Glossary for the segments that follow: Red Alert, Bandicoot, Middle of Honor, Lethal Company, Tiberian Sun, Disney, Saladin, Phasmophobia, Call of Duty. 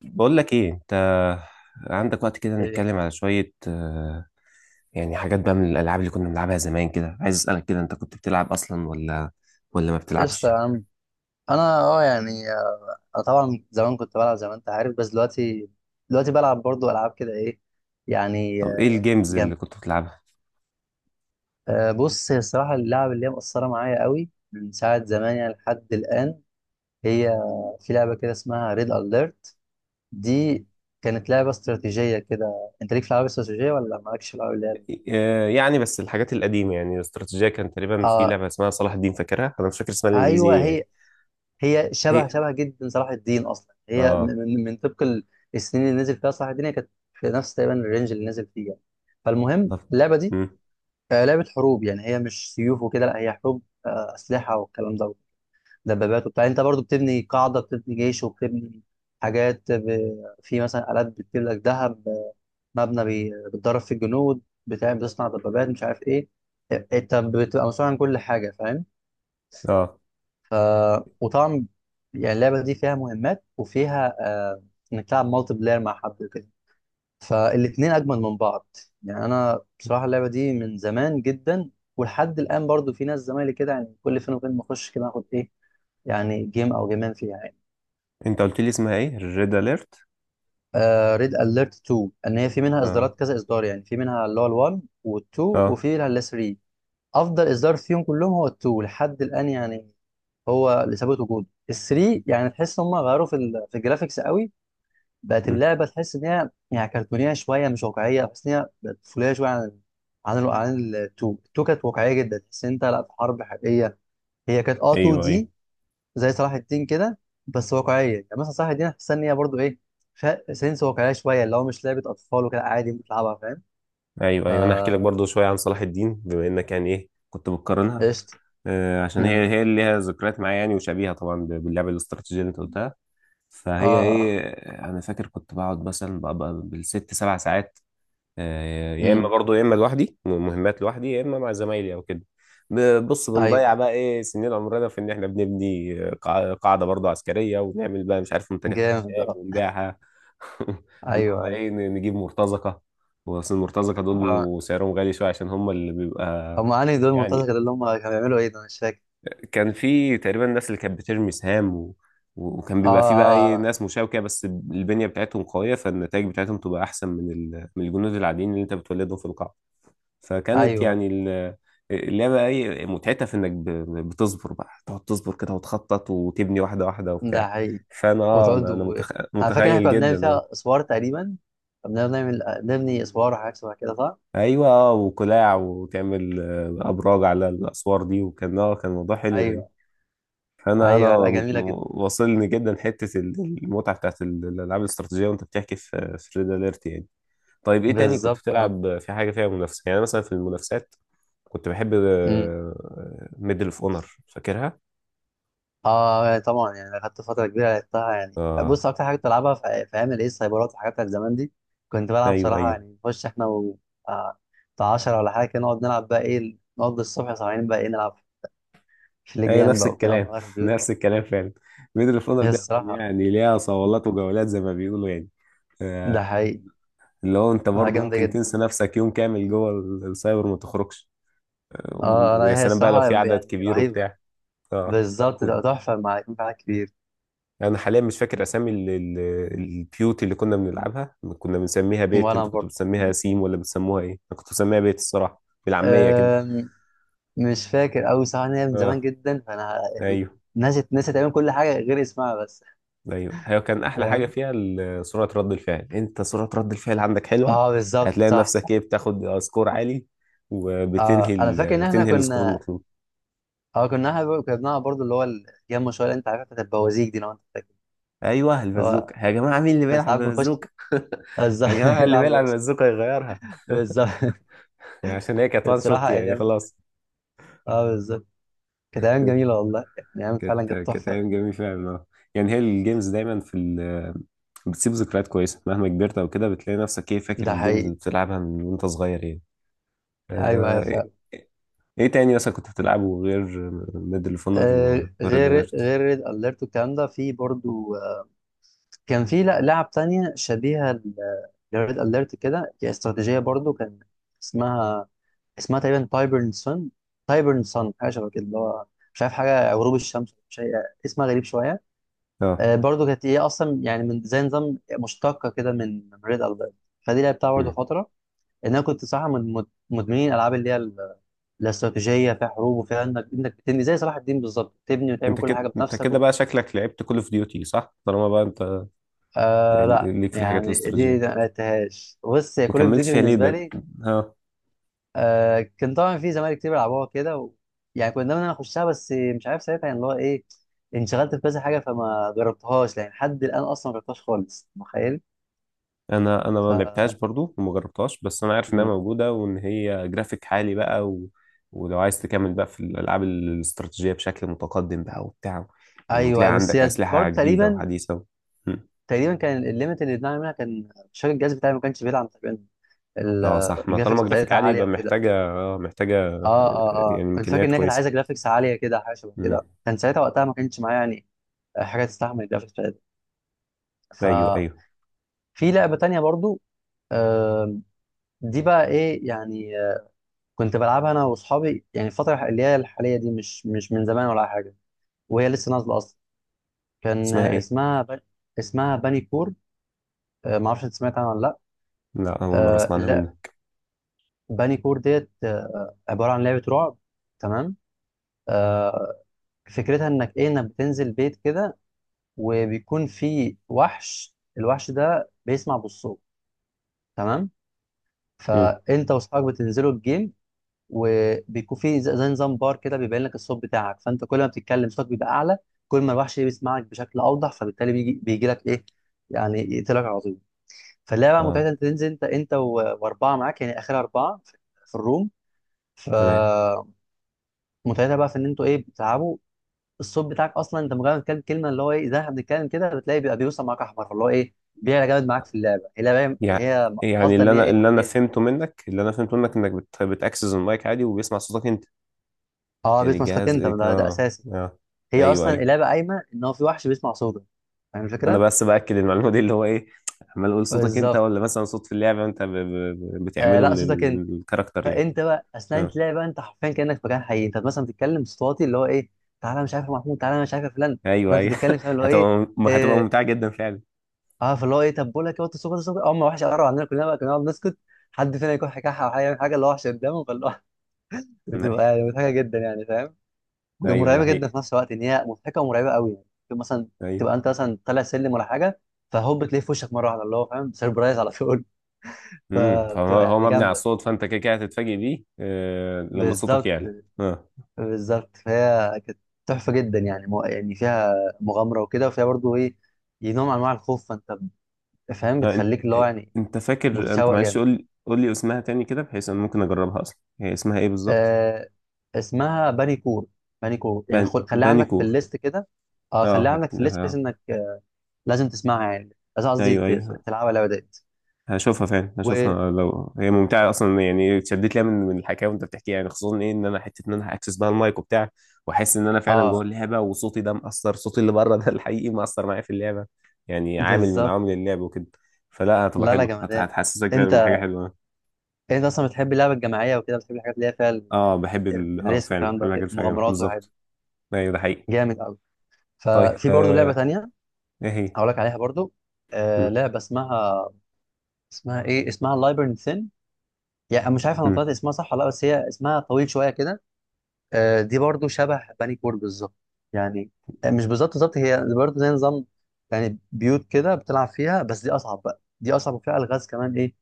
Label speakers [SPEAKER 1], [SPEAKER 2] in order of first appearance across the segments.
[SPEAKER 1] بقول لك ايه، انت عندك وقت كده
[SPEAKER 2] ايه،
[SPEAKER 1] نتكلم على شوية يعني حاجات بقى من الالعاب اللي كنا بنلعبها زمان كده؟ عايز اسألك كده، انت كنت بتلعب اصلا ولا ما
[SPEAKER 2] قشطة
[SPEAKER 1] بتلعبش؟
[SPEAKER 2] يا عم. انا يعني انا طبعا زمان كنت بلعب زي ما انت عارف، بس دلوقتي بلعب برضو العاب كده، ايه يعني
[SPEAKER 1] طب ايه
[SPEAKER 2] آه،
[SPEAKER 1] الجيمز
[SPEAKER 2] جم
[SPEAKER 1] اللي كنت بتلعبها؟
[SPEAKER 2] آه، بص، هي الصراحة اللعبة اللي هي مأثرة معايا قوي من ساعة زمان يعني لحد الآن، هي في لعبة كده اسمها ريد أليرت. دي كانت لعبة استراتيجية كده، انت ليك في العاب استراتيجية ولا مالكش في العاب اللي هي؟
[SPEAKER 1] يعني بس الحاجات القديمة، يعني الاستراتيجية كان تقريبا في
[SPEAKER 2] اه،
[SPEAKER 1] لعبة اسمها صلاح الدين فاكرها. انا مش فاكر اسمها الانجليزي
[SPEAKER 2] ايوه،
[SPEAKER 1] ايه يعني.
[SPEAKER 2] هي
[SPEAKER 1] هي.
[SPEAKER 2] شبه جدا صلاح الدين، اصلا هي من
[SPEAKER 1] اه.
[SPEAKER 2] من من طبق السنين اللي نزل فيها صلاح الدين، هي كانت في نفس تقريبا الرينج اللي نزل فيه يعني. فالمهم
[SPEAKER 1] طب.
[SPEAKER 2] اللعبه دي
[SPEAKER 1] مم.
[SPEAKER 2] آه، لعبه حروب يعني، هي مش سيوف وكده، لا هي حروب، اسلحه والكلام ده، دبابات وبتاع. انت برضو بتبني قاعده، بتبني جيش، وبتبني حاجات ب... في مثلا آلات بتجيب لك ذهب، بتدرب فيه الجنود بتاع، بتصنع دبابات، مش عارف ايه. إيه، انت بتبقى مسؤول عن كل حاجه، فاهم؟
[SPEAKER 1] اه،
[SPEAKER 2] وطبعا يعني اللعبة دي فيها مهمات وفيها إنك تلعب مالتي بلاير مع حد وكده، فالاتنين أجمل من بعض يعني. أنا بصراحة اللعبة دي من زمان جدا، ولحد الآن برضو في ناس زمايلي كده يعني، كل فين وفين بخش كده، آخد إيه يعني، جيم أو جيمين فيها يعني.
[SPEAKER 1] انت قلت لي اسمها ايه؟ ريد اليرت؟
[SPEAKER 2] آه، ريد أليرت 2، إن هي في منها
[SPEAKER 1] اه.
[SPEAKER 2] إصدارات كذا إصدار يعني، في منها اللي هو ال1 وال2
[SPEAKER 1] اه.
[SPEAKER 2] وفي منها ال3. افضل اصدار فيهم كلهم هو التو لحد الان يعني، هو اللي ثابت وجوده. الثري يعني تحس ان هم غيروا في في الجرافيكس قوي، بقت
[SPEAKER 1] مم.
[SPEAKER 2] اللعبه تحس ان هي يعني كرتونيه شويه، مش واقعيه، تحس ان هي بقت طفوليه شويه عن عن التو. كانت واقعيه جدا، تحس ان انت لا في حرب حقيقيه. هي كانت اه 2
[SPEAKER 1] ايوه. ايوه.
[SPEAKER 2] دي زي صلاح الدين كده، بس واقعيه، يعني مثلا صلاح الدين حاسس ان هي برضه ايه، فيها سنس واقعيه شويه، اللي هو مش لعبه اطفال وكده، عادي ممكن تلعبها، فاهم؟
[SPEAKER 1] ايوه،
[SPEAKER 2] ف
[SPEAKER 1] ايوه، انا هحكي لك برضو شويه عن صلاح الدين، بما انك يعني ايه كنت بتقارنها.
[SPEAKER 2] قشطه.
[SPEAKER 1] عشان
[SPEAKER 2] امم
[SPEAKER 1] هي هي اللي ليها ذكريات معايا يعني، وشبيهه طبعا باللعبه الاستراتيجيه اللي انت قلتها. فهي
[SPEAKER 2] اه.
[SPEAKER 1] ايه. انا فاكر كنت بقعد مثلا بقى بالست سبع ساعات. يا اما
[SPEAKER 2] امم
[SPEAKER 1] برضو يا اما لوحدي مهمات لوحدي، يا اما مع زمايلي او كده. بص،
[SPEAKER 2] ايوه.
[SPEAKER 1] بنضيع بقى
[SPEAKER 2] أيوه.
[SPEAKER 1] ايه سنين عمرنا في ان احنا بنبني قاعده برضو عسكريه، ونعمل بقى مش عارف منتجات
[SPEAKER 2] جامد،
[SPEAKER 1] اخشاب
[SPEAKER 2] اه.
[SPEAKER 1] ونبيعها. ونقعد
[SPEAKER 2] ايوه
[SPEAKER 1] بقى
[SPEAKER 2] ايوه.
[SPEAKER 1] ايه نجيب مرتزقه. واصل المرتزقه دول
[SPEAKER 2] اه،
[SPEAKER 1] بيبقوا سعرهم غالي شويه، عشان هم اللي بيبقى.
[SPEAKER 2] هم انهي دول مرتزقة؟
[SPEAKER 1] يعني
[SPEAKER 2] اللي هم كانوا بيعملوا ايه ده، أنا مش فاكر.
[SPEAKER 1] كان في تقريبا ناس اللي كانت بترمي سهام، و... وكان
[SPEAKER 2] اه
[SPEAKER 1] بيبقى في بقى ايه
[SPEAKER 2] اه،
[SPEAKER 1] ناس مشاوكة، بس البنية بتاعتهم قوية، فالنتائج بتاعتهم تبقى أحسن من من الجنود العاديين اللي أنت بتولدهم في القاعة. فكانت
[SPEAKER 2] ايوه
[SPEAKER 1] يعني اللعبة ايه متعتها في إنك بتصبر بقى تقعد تصبر كده وتخطط وتبني واحدة واحدة
[SPEAKER 2] ده
[SPEAKER 1] وبتاع.
[SPEAKER 2] حقيقي.
[SPEAKER 1] فأنا
[SPEAKER 2] وتقعد
[SPEAKER 1] أنا
[SPEAKER 2] و... انا فاكر إن احنا
[SPEAKER 1] متخيل
[SPEAKER 2] كنا
[SPEAKER 1] جدا.
[SPEAKER 2] بنعمل
[SPEAKER 1] اه.
[SPEAKER 2] فيها اسوار تقريبا، كنا بنعمل نبني اسوار وحاجات شبه كده، صح؟
[SPEAKER 1] أيوه، اه، وقلاع وتعمل أبراج على الأسوار دي، وكان كان موضوع حلو يعني.
[SPEAKER 2] ايوه
[SPEAKER 1] انا
[SPEAKER 2] ايوه، لا جميله جدا.
[SPEAKER 1] واصلني جدا حته المتعه بتاعت الالعاب الاستراتيجيه، وانت بتحكي في ريد اليرت يعني. طيب، ايه تاني كنت
[SPEAKER 2] بالظبط اه.
[SPEAKER 1] بتلعب في حاجه فيها منافسه؟ يعني أنا مثلا في المنافسات كنت بحب.
[SPEAKER 2] امم
[SPEAKER 1] ميدل اوف اونر، فاكرها؟
[SPEAKER 2] اه يعني طبعا، يعني خدت فتره كبيره لعبتها يعني.
[SPEAKER 1] اه،
[SPEAKER 2] بص، اكتر حاجه كنت بلعبها في ايام الايه، السايبرات والحاجات بتاعت زمان دي، كنت بلعب
[SPEAKER 1] ايوه،
[SPEAKER 2] بصراحه
[SPEAKER 1] ايوه.
[SPEAKER 2] يعني، نخش احنا و آه، بتاع 10 ولا حاجه كده، نقعد نلعب بقى ايه، نقضي الصبح سهرانين، بقى ايه نلعب في
[SPEAKER 1] ايوه،
[SPEAKER 2] لجيان
[SPEAKER 1] نفس
[SPEAKER 2] بقى وكده،
[SPEAKER 1] الكلام،
[SPEAKER 2] ونغير في بيوت.
[SPEAKER 1] نفس الكلام فعلا. ميدل اوف اونر
[SPEAKER 2] هي
[SPEAKER 1] دي أصلاً
[SPEAKER 2] الصراحة،
[SPEAKER 1] يعني ليها صولات وجولات، زي ما بيقولوا يعني.
[SPEAKER 2] ده
[SPEAKER 1] آه،
[SPEAKER 2] حقيقي.
[SPEAKER 1] اللي هو انت
[SPEAKER 2] آه،
[SPEAKER 1] برضه
[SPEAKER 2] جامدة
[SPEAKER 1] ممكن
[SPEAKER 2] جدا.
[SPEAKER 1] تنسى نفسك يوم كامل جوه السايبر، ما تخرجش. آه،
[SPEAKER 2] اه
[SPEAKER 1] ويا
[SPEAKER 2] انا، هي
[SPEAKER 1] سلام بقى لو
[SPEAKER 2] الصراحة
[SPEAKER 1] في عدد
[SPEAKER 2] يعني
[SPEAKER 1] كبير
[SPEAKER 2] رهيبة.
[SPEAKER 1] وبتاع. اه.
[SPEAKER 2] بالظبط، ده تحفة مع يكون في حاجات كتير.
[SPEAKER 1] يعني انا حاليا مش فاكر اسامي البيوت اللي كنا بنلعبها كنا بنسميها بيت،
[SPEAKER 2] وانا
[SPEAKER 1] انتوا كنتوا
[SPEAKER 2] برضه
[SPEAKER 1] بتسميها سيم ولا بتسموها ايه؟ انا كنت بسميها بيت الصراحه بالعاميه كده.
[SPEAKER 2] أم، مش فاكر أوي صراحة، إن هي من زمان
[SPEAKER 1] اه،
[SPEAKER 2] جدا فأنا يعني
[SPEAKER 1] ايوه،
[SPEAKER 2] نسيت، تقريبا كل حاجة غير اسمها بس،
[SPEAKER 1] ايوه. هي كان احلى حاجه
[SPEAKER 2] فاهم؟
[SPEAKER 1] فيها سرعه رد الفعل. انت سرعه رد الفعل عندك حلوه.
[SPEAKER 2] اه بالظبط،
[SPEAKER 1] هتلاقي
[SPEAKER 2] صح
[SPEAKER 1] نفسك
[SPEAKER 2] صح.
[SPEAKER 1] ايه بتاخد سكور عالي، وبتنهي
[SPEAKER 2] اه أنا فاكر إن احنا
[SPEAKER 1] بتنهي السكور
[SPEAKER 2] كنا،
[SPEAKER 1] المطلوب.
[SPEAKER 2] كنا بنلعب برضه اللي هو الجيم شوية اللي أنت عارفها بتاعت البوازيك دي، لو أنت فاكر
[SPEAKER 1] ايوه،
[SPEAKER 2] اللي هو،
[SPEAKER 1] البازوكه يا جماعه، مين اللي
[SPEAKER 2] كنا
[SPEAKER 1] بيلعب
[SPEAKER 2] ساعات بنخش
[SPEAKER 1] ببازوكه؟
[SPEAKER 2] بالظبط
[SPEAKER 1] يا جماعه، اللي
[SPEAKER 2] نلعب
[SPEAKER 1] بيلعب
[SPEAKER 2] بوازيك.
[SPEAKER 1] ببازوكه يغيرها!
[SPEAKER 2] بالظبط،
[SPEAKER 1] عشان هي كانت
[SPEAKER 2] كانت
[SPEAKER 1] وان
[SPEAKER 2] بصراحة
[SPEAKER 1] شوت يعني،
[SPEAKER 2] أيام،
[SPEAKER 1] خلاص.
[SPEAKER 2] اه بالظبط كانت أيام جميلة والله، يعني أيام فعلا
[SPEAKER 1] كانت
[SPEAKER 2] كانت
[SPEAKER 1] كانت
[SPEAKER 2] تحفة.
[SPEAKER 1] ايام جميله فعلا. اه. يعني هي الجيمز دايما في بتسيب ذكريات كويسه، مهما كبرت او كده بتلاقي نفسك ايه فاكر
[SPEAKER 2] ده
[SPEAKER 1] الجيمز
[SPEAKER 2] حقيقي.
[SPEAKER 1] اللي بتلعبها من وانت صغير يعني.
[SPEAKER 2] أيوه أيوه
[SPEAKER 1] ايه.
[SPEAKER 2] فعلا.
[SPEAKER 1] إيه تاني مثلا كنت بتلعبه غير ميدل اوف
[SPEAKER 2] آه،
[SPEAKER 1] وريد
[SPEAKER 2] غير
[SPEAKER 1] اليرت؟
[SPEAKER 2] غير ريد أليرت والكلام ده، في برضو كان في لعب تانية شبيهة لريد أليرت كده، هي استراتيجية برضو، كان اسمها، اسمها تقريبا تايبرن سون. تايبرن سون حاجة شبه كده، اللي هو مش عارف، حاجة غروب الشمس، مش عارف، اسمها غريب شوية.
[SPEAKER 1] اه.
[SPEAKER 2] آه، برضو كانت هي أصلا يعني من زي نظام مشتقة كده من ريد أليرت، فدي لعبتها برضو
[SPEAKER 1] مم.
[SPEAKER 2] فترة. ان انا كنت صراحه من مدمنين الالعاب اللي هي الاستراتيجيه، فيها حروب وفيها انك، بتبني زي صلاح الدين بالظبط، تبني وتعمل
[SPEAKER 1] انت
[SPEAKER 2] كل
[SPEAKER 1] كده،
[SPEAKER 2] حاجه
[SPEAKER 1] انت
[SPEAKER 2] بنفسك
[SPEAKER 1] كده
[SPEAKER 2] وت...
[SPEAKER 1] بقى شكلك لعبت كول اوف ديوتي، صح؟ طالما بقى انت
[SPEAKER 2] آه لا
[SPEAKER 1] ليك في الحاجات
[SPEAKER 2] يعني، دي
[SPEAKER 1] الاستراتيجيه.
[SPEAKER 2] ما لعبتهاش. بص، هي
[SPEAKER 1] ما
[SPEAKER 2] كول اوف
[SPEAKER 1] كملتش
[SPEAKER 2] ديوتي
[SPEAKER 1] فيها ليه
[SPEAKER 2] بالنسبه
[SPEAKER 1] ده؟
[SPEAKER 2] لي،
[SPEAKER 1] اه.
[SPEAKER 2] آه كان طبعا في زمايلي كتير بيلعبوها كده و... يعني كنت دايما انا اخشها، بس مش عارف ساعتها يعني اللي هو ايه، انشغلت في كذا حاجه فما جربتهاش يعني، لحد الان اصلا ما جربتهاش خالص، متخيل.
[SPEAKER 1] انا
[SPEAKER 2] ف
[SPEAKER 1] ما لعبتهاش برضو وما جربتهاش، بس انا عارف انها
[SPEAKER 2] مم.
[SPEAKER 1] موجوده وان هي جرافيك عالي بقى ولو عايز تكمل بقى في الالعاب الاستراتيجيه بشكل متقدم بقى وبتاع،
[SPEAKER 2] ايوه،
[SPEAKER 1] وتلاقي
[SPEAKER 2] بس
[SPEAKER 1] عندك
[SPEAKER 2] هي
[SPEAKER 1] اسلحه
[SPEAKER 2] برضه
[SPEAKER 1] جديده
[SPEAKER 2] تقريبا،
[SPEAKER 1] وحديثه. م.
[SPEAKER 2] تقريبا كان الليمت اللي بنعمل منها، كان مش فاكر، الجهاز بتاعي ما كانش بيدعم تقريبا ال-
[SPEAKER 1] اه صح، ما طالما
[SPEAKER 2] الجرافيكس
[SPEAKER 1] جرافيك
[SPEAKER 2] بتاعتها
[SPEAKER 1] عالي
[SPEAKER 2] عاليه
[SPEAKER 1] يبقى
[SPEAKER 2] وكده.
[SPEAKER 1] محتاجه محتاجه يعني
[SPEAKER 2] اه، كنت فاكر
[SPEAKER 1] امكانيات
[SPEAKER 2] ان هي كانت
[SPEAKER 1] كويسه.
[SPEAKER 2] عايزه جرافيكس عاليه كده، حاجه شبه
[SPEAKER 1] م.
[SPEAKER 2] كده كان ساعتها وقتها، ما كانش معايا يعني حاجه تستحمل الجرافيكس بتاعتها.
[SPEAKER 1] ايوه،
[SPEAKER 2] ففي
[SPEAKER 1] ايوه،
[SPEAKER 2] لعبه تانية برضو، آه دي بقى ايه يعني، آه كنت بلعبها انا واصحابي يعني الفتره اللي هي الحاليه دي، مش مش من زمان ولا حاجه، وهي لسه نازله اصلا. كان
[SPEAKER 1] اسمها ايه؟
[SPEAKER 2] اسمها باني كور. آه، ما اعرفش انت سمعت عنها ولا لا؟
[SPEAKER 1] لا، اول مره
[SPEAKER 2] آه
[SPEAKER 1] اسمع عنها
[SPEAKER 2] لا،
[SPEAKER 1] منك.
[SPEAKER 2] باني كور ديت آه عباره عن لعبه رعب. تمام. آه، فكرتها انك ايه، انك بتنزل بيت كده، وبيكون في وحش، الوحش ده بيسمع بالصوت. تمام.
[SPEAKER 1] م.
[SPEAKER 2] فانت واصحابك بتنزلوا الجيم، وبيكون في زي نظام بار كده، بيبين لك الصوت بتاعك، فانت كل ما بتتكلم صوتك بيبقى اعلى، كل ما الوحش إيه بيسمعك بشكل اوضح، فبالتالي بيجي لك ايه يعني، يقتلك على طول. فاللعبه بقى متعتها
[SPEAKER 1] اه.
[SPEAKER 2] انت تنزل انت، واربعه معاك، يعني اخر اربعه في في الروم.
[SPEAKER 1] تمام.
[SPEAKER 2] فمتعتها بقى في ان انتوا ايه بتلعبوا، الصوت بتاعك اصلا انت مجرد كام كلمه، اللي هو ايه زي احنا بنتكلم كده، بتلاقي بيبقى بيوصل معاك احمر، اللي هو ايه بيعلى جامد معاك في اللعبه، هي لعبه
[SPEAKER 1] يع-
[SPEAKER 2] هي
[SPEAKER 1] يعني
[SPEAKER 2] قصدي ان هي ايه، تعلي
[SPEAKER 1] اللي انا فهمته منك انك بتاكسس المايك عادي وبيسمع صوتك انت.
[SPEAKER 2] اه
[SPEAKER 1] يعني
[SPEAKER 2] بيت مشتاق
[SPEAKER 1] جهاز
[SPEAKER 2] انت
[SPEAKER 1] إيه،
[SPEAKER 2] ده, ده
[SPEAKER 1] اه.
[SPEAKER 2] اساسي.
[SPEAKER 1] اه.
[SPEAKER 2] هي
[SPEAKER 1] ايوه،
[SPEAKER 2] اصلا
[SPEAKER 1] ايوه،
[SPEAKER 2] اللعبه قايمه ان هو في وحش بيسمع صوتك، فاهم
[SPEAKER 1] انا
[SPEAKER 2] الفكره؟
[SPEAKER 1] بس باكد المعلومه دي اللي هو ايه. عمال اقول صوتك انت،
[SPEAKER 2] بالظبط.
[SPEAKER 1] ولا مثلا صوت في اللعبه انت
[SPEAKER 2] آه
[SPEAKER 1] بتعمله
[SPEAKER 2] لا
[SPEAKER 1] من،
[SPEAKER 2] صوتك
[SPEAKER 1] من
[SPEAKER 2] انت،
[SPEAKER 1] الكاركتر يعني.
[SPEAKER 2] فانت بقى اثناء
[SPEAKER 1] اه،
[SPEAKER 2] انت لعبه بقى، انت حرفيا كانك في مكان حقيقي، انت مثلا بتتكلم صوت واطي اللي هو ايه، تعالى مش عارف يا محمود، تعالى مش عارف يا فلان، لو
[SPEAKER 1] ايوه،
[SPEAKER 2] انت
[SPEAKER 1] ايوه.
[SPEAKER 2] بتتكلم فاهم اللي هو ايه
[SPEAKER 1] هتبقى
[SPEAKER 2] آه،
[SPEAKER 1] ممتعه جدا فعلا.
[SPEAKER 2] اه. فاللي هو ايه، طب بقول لك ايه، وطي صوتك، اول ما وحش قرب عندنا، كلنا بقى كنا نقعد نسكت، حد فينا يكون حكاحه او حاجه يعمل حاجه، اللي هو وحش قدامه، فاللي هو بتبقى
[SPEAKER 1] ايوه،
[SPEAKER 2] يعني مضحكه جدا يعني فاهم،
[SPEAKER 1] ايوه، ده
[SPEAKER 2] ومرعبه جدا
[SPEAKER 1] حقيقي.
[SPEAKER 2] في نفس الوقت، ان هي مضحكه ومرعبه قوي يعني. ممكن مثلا
[SPEAKER 1] ايوه.
[SPEAKER 2] تبقى انت مثلا طالع سلم ولا حاجه، فهوب بتلاقيه في وشك مره واحده، اللي هو فاهم سربرايز على طول.
[SPEAKER 1] فهو
[SPEAKER 2] فبتبقى
[SPEAKER 1] هو
[SPEAKER 2] يعني
[SPEAKER 1] مبني على
[SPEAKER 2] جامده.
[SPEAKER 1] الصوت، فانت كده كده هتتفاجئ بيه لما صوتك
[SPEAKER 2] بالظبط.
[SPEAKER 1] يعلى. اه.
[SPEAKER 2] بالظبط، فهي كانت تحفه جدا يعني، مو- يعني فيها مغامره وكده، وفيها برضو ايه نوع من انواع الخوف، فانت فاهم
[SPEAKER 1] آه انت...
[SPEAKER 2] بتخليك اللي هو يعني
[SPEAKER 1] انت فاكر؟ انت
[SPEAKER 2] متشوق
[SPEAKER 1] معلش
[SPEAKER 2] جامد.
[SPEAKER 1] قول لي اسمها تاني كده، بحيث انا ممكن اجربها. اصلا هي اسمها ايه بالظبط؟
[SPEAKER 2] آه، اسمها بانيكور، بانيكور. يعني خل... خليها عندك في
[SPEAKER 1] بانيكور.
[SPEAKER 2] الليست كده، اه خليها
[SPEAKER 1] اه،
[SPEAKER 2] عندك في الليست بحيث انك آه لازم تسمعها يعني، لازم قصدي
[SPEAKER 1] ايوه، ايوه.
[SPEAKER 2] تلعبها اللعبه ديت.
[SPEAKER 1] هشوفها فعلا
[SPEAKER 2] و
[SPEAKER 1] هشوفها. لو هي ممتعه اصلا يعني، اتشدت ليها من الحكايه وانت بتحكيها يعني، خصوصا ايه ان انا حته، ان انا هاكسس بقى المايك وبتاع. واحس ان انا فعلا جوه
[SPEAKER 2] اه
[SPEAKER 1] اللعبه، وصوتي ده مأثر. صوتي اللي بره ده الحقيقي مأثر معايا في اللعبه. يعني عامل من عوامل
[SPEAKER 2] بالظبط.
[SPEAKER 1] اللعب وكده. فلا، هتبقى
[SPEAKER 2] لا لا
[SPEAKER 1] حلوه
[SPEAKER 2] جمدان.
[SPEAKER 1] هتحسسك فعلا بحاجه
[SPEAKER 2] انت
[SPEAKER 1] حلوه.
[SPEAKER 2] انت اصلا بتحب اللعبه الجماعيه وكده، بتحب الحاجات اللي هي فيها
[SPEAKER 1] اه، بحب
[SPEAKER 2] الريسك
[SPEAKER 1] فعلا
[SPEAKER 2] والكلام
[SPEAKER 1] بحب
[SPEAKER 2] ده وكده،
[SPEAKER 1] الحاجات، فعلا
[SPEAKER 2] مغامرات وحاجات دي.
[SPEAKER 1] بالظبط. ايوه، ده حقيقي.
[SPEAKER 2] جامد قوي.
[SPEAKER 1] طيب،
[SPEAKER 2] ففي برضو لعبه تانية
[SPEAKER 1] ايه هي؟
[SPEAKER 2] هقول لك عليها برضو، آه
[SPEAKER 1] مم.
[SPEAKER 2] لعبه اسمها، اسمها ايه، اسمها لايبرن ثين. يعني أنا مش عارف انا
[SPEAKER 1] مم.
[SPEAKER 2] طلعت اسمها صح ولا لا، بس هي اسمها طويل شويه كده. آه، دي برضو شبه بني كور بالظبط يعني، آه مش بالظبط بالظبط، هي دي برضو زي نظام، يعني بيوت كده بتلعب فيها، بس دي اصعب بقى، دي اصعب وفيها الغاز كمان ايه،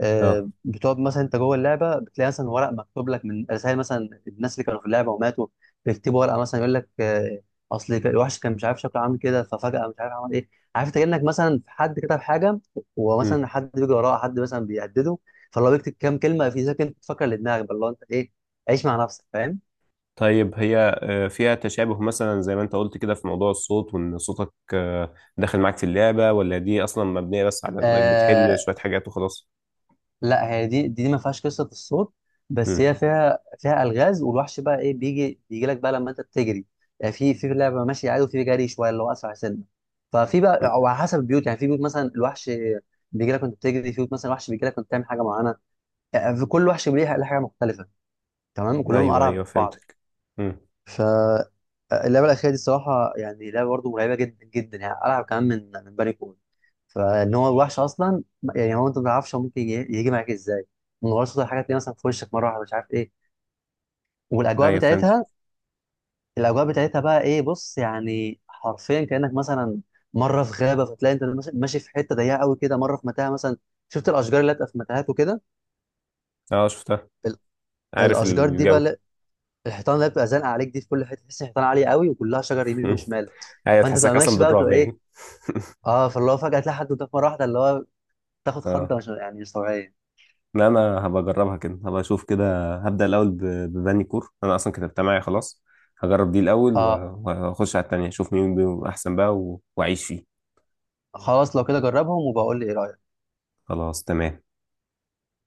[SPEAKER 2] آه،
[SPEAKER 1] اه.
[SPEAKER 2] بتقعد مثلا انت جوه اللعبه، بتلاقي مثلا ورق مكتوب لك من رسائل مثلا الناس اللي كانوا في اللعبه وماتوا، بيكتبوا ورقه مثلا يقول لك آه، اصل الوحش كان مش عارف شكله عامل كده، ففجاه مش عارف عمل ايه، عارف، انت كانك مثلا في حد كتب حاجه، ومثلا
[SPEAKER 1] مم.
[SPEAKER 2] حد بيجي وراه، حد مثلا بيهدده، فلو بيكتب كام كلمه في ذاك انت تفكر لدماغك بقى، اللي هو انت ايه عيش مع نفسك، فاهم؟
[SPEAKER 1] طيب، هي فيها تشابه مثلا زي ما انت قلت كده، في موضوع الصوت وان صوتك داخل معاك في اللعبة؟ ولا دي اصلا مبنية بس على انك
[SPEAKER 2] آه
[SPEAKER 1] بتحل شوية حاجات وخلاص؟
[SPEAKER 2] لا، هي دي ما فيهاش قصه الصوت، بس
[SPEAKER 1] مم.
[SPEAKER 2] هي فيها، فيها الغاز، والوحش بقى ايه بيجي لك بقى لما انت بتجري، يعني في في لعبه ماشي عادي، وفي جري شويه اللي هو اسرع سنه، ففي بقى او على حسب البيوت، يعني في بيوت مثلا الوحش بيجي لك وانت بتجري، في بيوت مثلا الوحش بيجي لك وانت بتعمل حاجه معينه، يعني في كل وحش ليه حاجه مختلفه، تمام،
[SPEAKER 1] مم.
[SPEAKER 2] كلهم
[SPEAKER 1] ايوه،
[SPEAKER 2] قرع
[SPEAKER 1] ايوه،
[SPEAKER 2] من بعض.
[SPEAKER 1] فهمتك. مم.
[SPEAKER 2] فاللعبة الأخيرة دي الصراحة يعني، لعبة برضه مرعبة جدا جدا يعني، ألعب كمان من من بني كون، فإن هو الوحش أصلا يعني هو، أنت ما تعرفش هو ممكن يجي معاك إزاي، من غير صوت الحاجة تلاقيه مثلا في وشك مرة واحدة، مش عارف إيه، والأجواء
[SPEAKER 1] ايوه، فهمتك.
[SPEAKER 2] بتاعتها، الأجواء بتاعتها بقى إيه، بص يعني حرفيا كأنك مثلا مرة في غابة، فتلاقي أنت ماشي في حتة ضيقة قوي كده، مرة في متاهة مثلا، شفت الأشجار اللي بتبقى في متاهات وكده،
[SPEAKER 1] اه، شفتها.
[SPEAKER 2] ال-
[SPEAKER 1] عارف
[SPEAKER 2] الأشجار دي بقى،
[SPEAKER 1] الجو.
[SPEAKER 2] الحيطان اللي بتبقى زانقة عليك دي، في كل حتة تحس الحيطان عالية قوي، وكلها شجر يمين
[SPEAKER 1] مم.
[SPEAKER 2] وشمال،
[SPEAKER 1] ايوه،
[SPEAKER 2] فانت تبقى
[SPEAKER 1] تحسك اصلا
[SPEAKER 2] ماشي بقى وتبقى
[SPEAKER 1] بالرعب
[SPEAKER 2] ايه،
[SPEAKER 1] يعني.
[SPEAKER 2] اه فاللي هو فجأة تلاقي حد قدامك مرة واحدة، اللي هو تاخد
[SPEAKER 1] اه،
[SPEAKER 2] خضة مش يعني مش طبيعية.
[SPEAKER 1] لا، انا هبقى اجربها كده، هبقى اشوف كده، هبدأ الاول ببني كور، انا اصلا كتبتها معايا خلاص. هجرب دي الاول
[SPEAKER 2] اه،
[SPEAKER 1] واخش على التانية، اشوف مين بيهم احسن بقى واعيش فيه.
[SPEAKER 2] خلاص لو كده جربهم وبقول لي ايه رأيك.
[SPEAKER 1] خلاص، تمام.